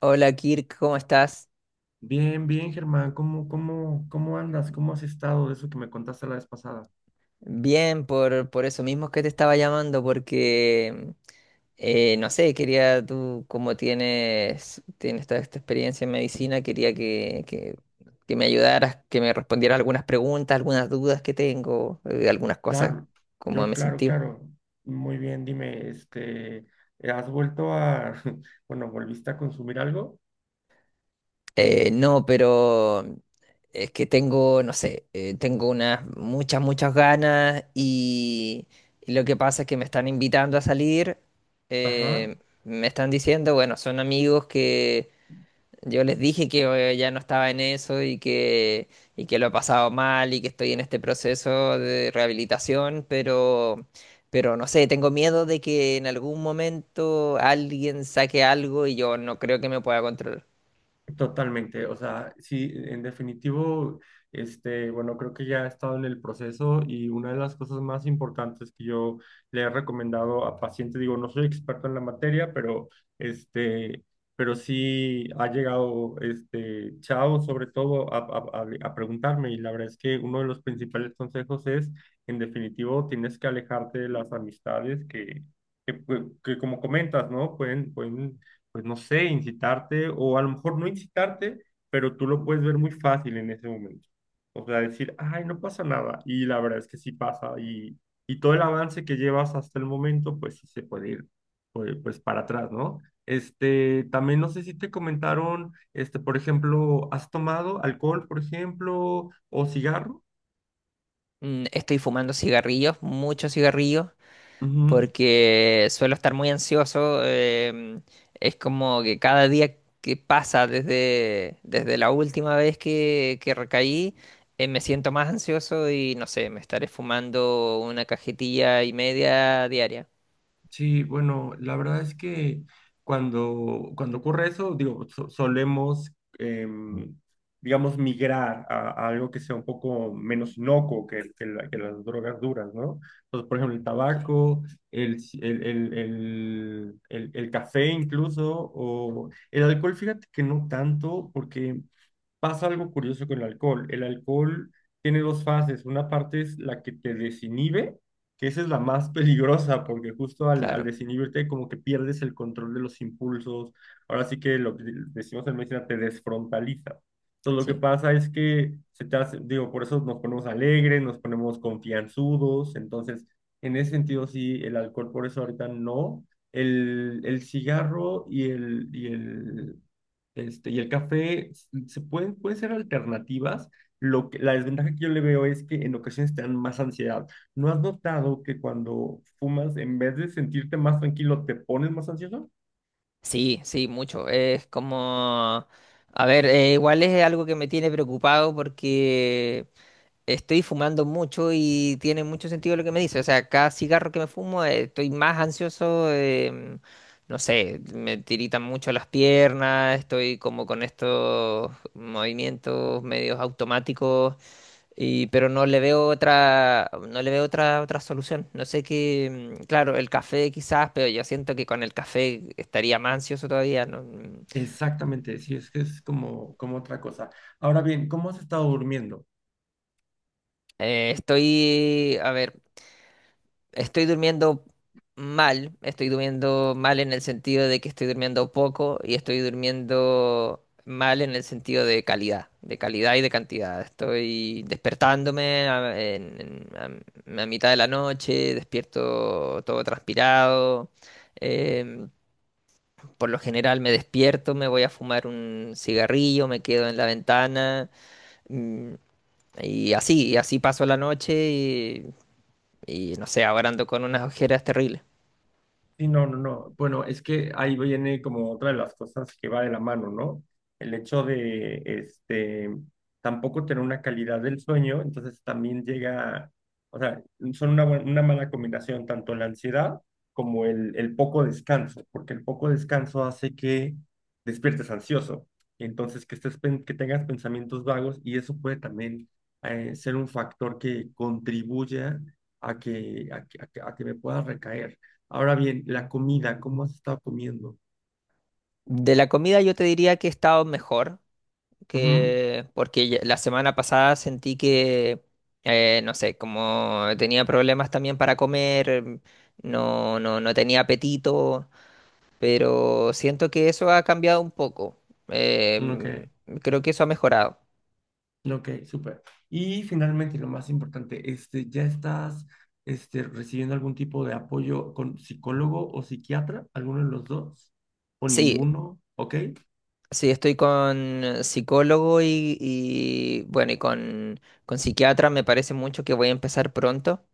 Hola Kirk, ¿cómo estás? Bien, bien, Germán, ¿cómo andas? ¿Cómo has estado de eso que me contaste la vez pasada? Bien, por eso mismo que te estaba llamando, porque no sé, quería tú, como tienes, tienes toda esta experiencia en medicina, quería que me ayudaras, que me respondieras algunas preguntas, algunas dudas que tengo, algunas cosas, Claro, cómo yo, me claro, sentí. claro. Muy bien, dime, ¿has vuelto a, bueno, volviste a consumir algo? No, pero es que tengo, no sé, tengo unas muchas, muchas ganas y lo que pasa es que me están invitando a salir, Ajá. eh, me están diciendo, bueno, son amigos que yo les dije que ya no estaba en eso y y que lo he pasado mal y que estoy en este proceso de rehabilitación, pero no sé, tengo miedo de que en algún momento alguien saque algo y yo no creo que me pueda controlar. Totalmente, o sea, sí, en definitivo, este, bueno, creo que ya he estado en el proceso y una de las cosas más importantes que yo le he recomendado a pacientes, digo, no soy experto en la materia, pero este, pero sí ha llegado, este, Chao sobre todo a, a preguntarme y la verdad es que uno de los principales consejos es, en definitivo, tienes que alejarte de las amistades que, pues, que como comentas, ¿no? Pueden pues no sé, incitarte o a lo mejor no incitarte, pero tú lo puedes ver muy fácil en ese momento. O sea, decir, ay, no pasa nada. Y la verdad es que sí pasa. Y todo el avance que llevas hasta el momento, pues sí se puede ir pues, pues para atrás, ¿no? Este, también no sé si te comentaron, este, por ejemplo, ¿has tomado alcohol, por ejemplo, o cigarro? Mm, estoy fumando cigarrillos, muchos cigarrillos, Ujú. porque suelo estar muy ansioso. Es como que cada día que pasa desde la última vez que recaí, me siento más ansioso y no sé, me estaré fumando una cajetilla y media diaria. Sí, bueno, la verdad es que cuando ocurre eso, digo, solemos, em, digamos, migrar a algo que sea un poco menos inocuo que, que las drogas duras, ¿no? Entonces, por ejemplo, el Ok, tabaco, el, ci- el café incluso, o el alcohol, fíjate que no tanto, porque pasa algo curioso con el alcohol. El alcohol tiene dos fases. Una parte es la que te desinhibe, que esa es la más peligrosa, porque justo al, al claro, desinhibirte como que pierdes el control de los impulsos. Ahora sí que lo que decimos en medicina, te desfrontaliza. Entonces lo que sí. pasa es que se te hace, digo, por eso nos ponemos alegres, nos ponemos confianzudos. Entonces, en ese sentido, sí, el alcohol por eso ahorita no. El cigarro y el, este, y el café se pueden ser alternativas. Lo que, la desventaja que yo le veo es que en ocasiones te dan más ansiedad. ¿No has notado que cuando fumas, en vez de sentirte más tranquilo, te pones más ansioso? Sí, sí, mucho. Es como... A ver, igual es algo que me tiene preocupado porque estoy fumando mucho y tiene mucho sentido lo que me dice. O sea, cada cigarro que me fumo, estoy más ansioso. No sé, me tiritan mucho las piernas, estoy como con estos movimientos medios automáticos, y, pero no le veo otra, no le veo otra, otra solución. No sé qué, mm, claro, el café quizás, pero yo siento que con el café estaría más ansioso todavía. No, mm. Exactamente, sí, es que es como, como otra cosa. Ahora bien, ¿cómo has estado durmiendo? Estoy, a ver, estoy durmiendo estoy durmiendo mal en el sentido de que estoy durmiendo poco y estoy durmiendo mal en el sentido de calidad y de cantidad. Estoy despertándome a, en- a- a mitad de la noche, despierto todo transpirado. em, por lo general me despierto, me voy a fumar un cigarrillo, me quedo en la ventana, mm, y así paso la noche y no sé, ahora ando con unas ojeras terribles. Sí, no, no, no. Bueno, es que ahí viene como otra de las cosas que va de la mano, ¿no? El hecho de, este, tampoco tener una calidad del sueño, entonces también llega, o sea, son una, una mala combinación, tanto la ansiedad como el poco descanso, porque el poco descanso hace que despiertes ansioso, y entonces que estés, que tengas pensamientos vagos y eso puede también ser un factor que contribuya a que, a que me pueda recaer. Ahora bien, la comida, ¿cómo has estado comiendo? De la comida yo te diría que he estado mejor, que porque ya- la semana pasada sentí que, no sé, como tenía problemas también para comer, mm, no tenía apetito, pero siento que eso ha cambiado un poco. Eh, Ujú. Ok, Creo que eso ha mejorado. ok, súper. Y finalmente, y lo más importante, este, ¿ya estás recibiendo algún tipo de apoyo con psicólogo o psiquiatra? ¿Alguno de los dos? ¿O Sí, ninguno? Ok, sí, estoy con psicólogo y, bueno, con psiquiatra, me parece mucho que voy a empezar pronto.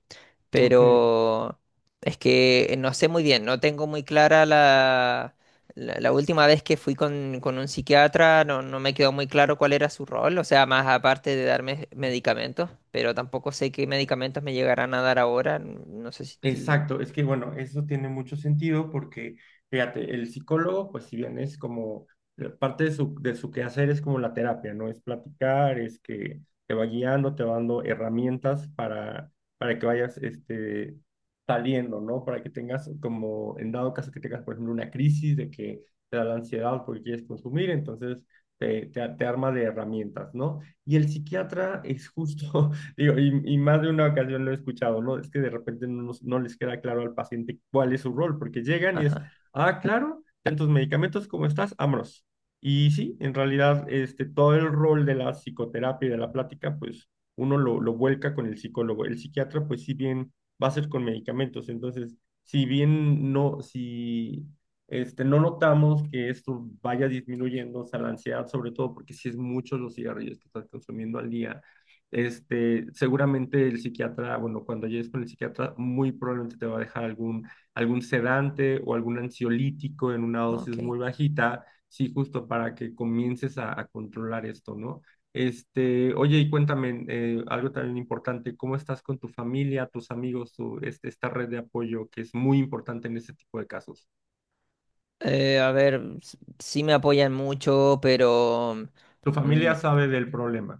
ok. Pero es que no sé muy bien, no tengo muy clara la última vez que fui con un psiquiatra, no, no me quedó muy claro cuál era su rol, o sea, más aparte de darme medicamentos, pero tampoco sé qué medicamentos me llegarán a dar ahora, no sé si... ti- Exacto, es que bueno, eso tiene mucho sentido porque, fíjate, el psicólogo, pues si bien es como parte de su quehacer es como la terapia, ¿no? Es platicar, es que te va guiando, te va dando herramientas para que vayas saliendo, ¿no? Para que tengas como, en dado caso que tengas, por ejemplo, una crisis de que te da la ansiedad porque quieres consumir, entonces te arma de herramientas, ¿no? Y el psiquiatra es justo. Digo, y más de una ocasión lo he escuchado, ¿no? Es que de repente no, no les queda claro al paciente cuál es su rol, porque llegan y es, Ajá, ah, claro, tantos medicamentos como estás, vámonos. Y sí, en realidad, este, todo el rol de la psicoterapia y de la plática, pues uno lo vuelca con el psicólogo. El psiquiatra, pues si bien va a ser con medicamentos, entonces, si bien no, si no notamos que esto vaya disminuyendo, o sea, la ansiedad sobre todo, porque si es muchos los cigarrillos que estás consumiendo al día seguramente el psiquiatra, bueno, cuando llegues con el psiquiatra, muy probablemente te va a dejar algún, algún sedante o algún ansiolítico en una dosis ok. muy bajita, sí, justo para que comiences a controlar esto, ¿no? Este, oye, y cuéntame, algo también importante, ¿cómo estás con tu familia, tus amigos, tu, este, esta red de apoyo que es muy importante en este tipo de casos? A ver, s- sí me apoyan mucho, pero... Tu mm, familia sabe del problema,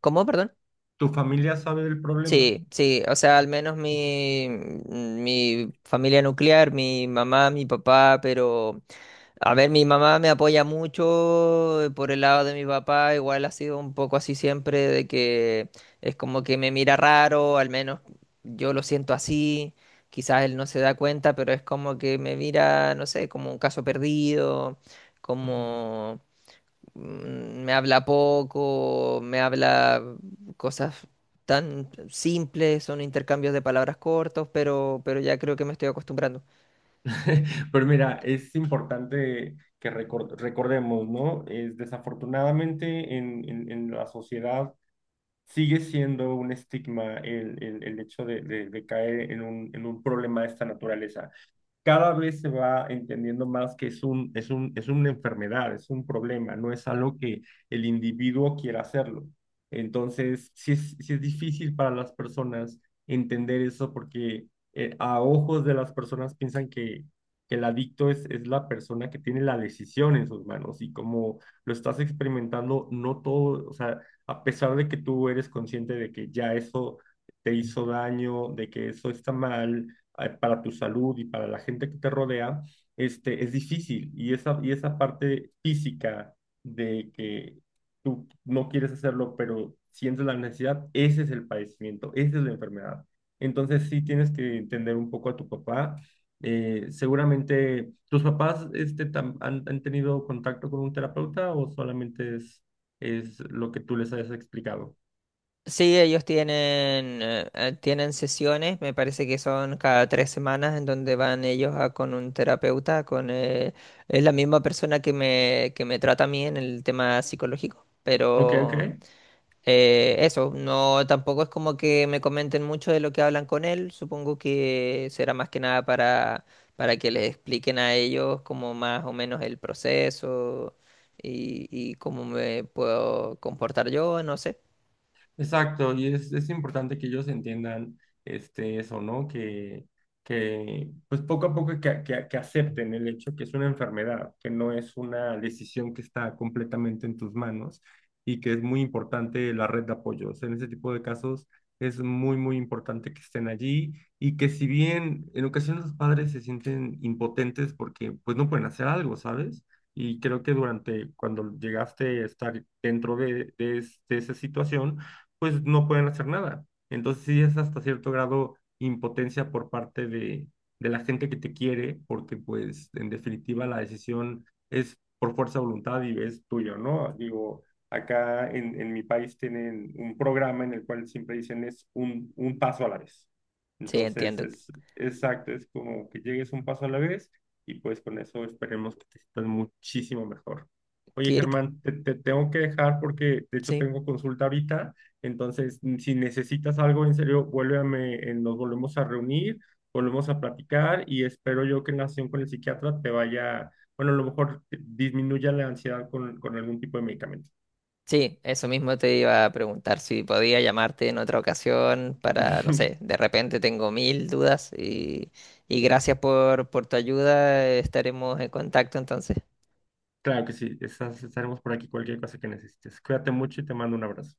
¿cómo? Perdón. tu familia sabe del problema. Sí, sí, o sea, al menos mi familia nuclear, mi mamá, mi papá, pero a ver, mi mamá me apoya mucho, por el lado de mi papá, igual ha sido un poco así siempre, de que es como que me mira raro, al menos yo lo siento así, quizás él no se da cuenta, pero es como que me mira, no sé, como un caso perdido, Ujú. como mm, me habla poco, me habla cosas tan simples, son intercambios de palabras cortos, pero ya creo que me estoy acostumbrando. Pero mira, es importante que recordemos, ¿no? Es desafortunadamente en, en la sociedad sigue siendo un estigma el, el hecho de, de caer en un problema de esta naturaleza. Cada vez se va entendiendo más que es un, es un, es una enfermedad, es un problema, no es algo que el individuo quiera hacerlo. Entonces, sí es difícil para las personas entender eso porque a ojos de las personas piensan que el adicto es la persona que tiene la decisión en sus manos y como lo estás experimentando, no todo, o sea, a pesar de que tú eres consciente de que ya eso te hizo daño, de que eso está mal, para tu salud y para la gente que te rodea, este, es difícil. Y esa parte física de que tú no quieres hacerlo, pero sientes la necesidad, ese es el padecimiento, esa es la enfermedad. Entonces sí tienes que entender un poco a tu papá. Seguramente, ¿tus papás este, han, han tenido contacto con un terapeuta o solamente es lo que tú les has explicado? Sí, ellos tienen, tienen sesiones, me parece que son cada 3 semanas en donde van ellos a, con un terapeuta, con es la misma persona que me trata a mí en el tema psicológico, Ok, ok. pero eso, no, tampoco es como que me comenten mucho de lo que hablan con él, supongo que será más que nada para, para que les expliquen a ellos como más o menos el proceso y cómo me puedo comportar yo, no sé. Exacto, y es importante que ellos entiendan este, eso, ¿no? Que, que pues poco a poco que acepten el hecho que es una enfermedad, que no es una decisión que está completamente en tus manos y que es muy importante la red de apoyos. En ese tipo de casos es muy, muy importante que estén allí y que si bien en ocasiones los padres se sienten impotentes porque pues no pueden hacer algo, ¿sabes? Y creo que durante cuando llegaste a estar dentro de, de esa situación, pues no pueden hacer nada. Entonces sí es hasta cierto grado impotencia por parte de la gente que te quiere, porque pues en definitiva la decisión es por fuerza de voluntad y es tuyo, ¿no? Digo, acá en mi país tienen un programa en el cual siempre dicen es un paso a la vez. Sí, Entonces entiendo. es exacto, es como que llegues un paso a la vez y pues con eso esperemos que te sientas muchísimo mejor. Oye, Kirk, Germán, te tengo que dejar porque de hecho sí. tengo consulta ahorita. Entonces, si necesitas algo en serio, vuélveme, nos volvemos a reunir, volvemos a platicar y espero yo que en la sesión con el psiquiatra te vaya, bueno, a lo mejor disminuya la ansiedad con algún tipo de medicamento. Sí, eso mismo te iba a preguntar si podía llamarte en otra ocasión para, no sé, de repente tengo mil dudas y gracias por tu ayuda, estaremos en contacto entonces. Claro que sí, estaremos por aquí cualquier cosa que necesites. Cuídate mucho y te mando un abrazo.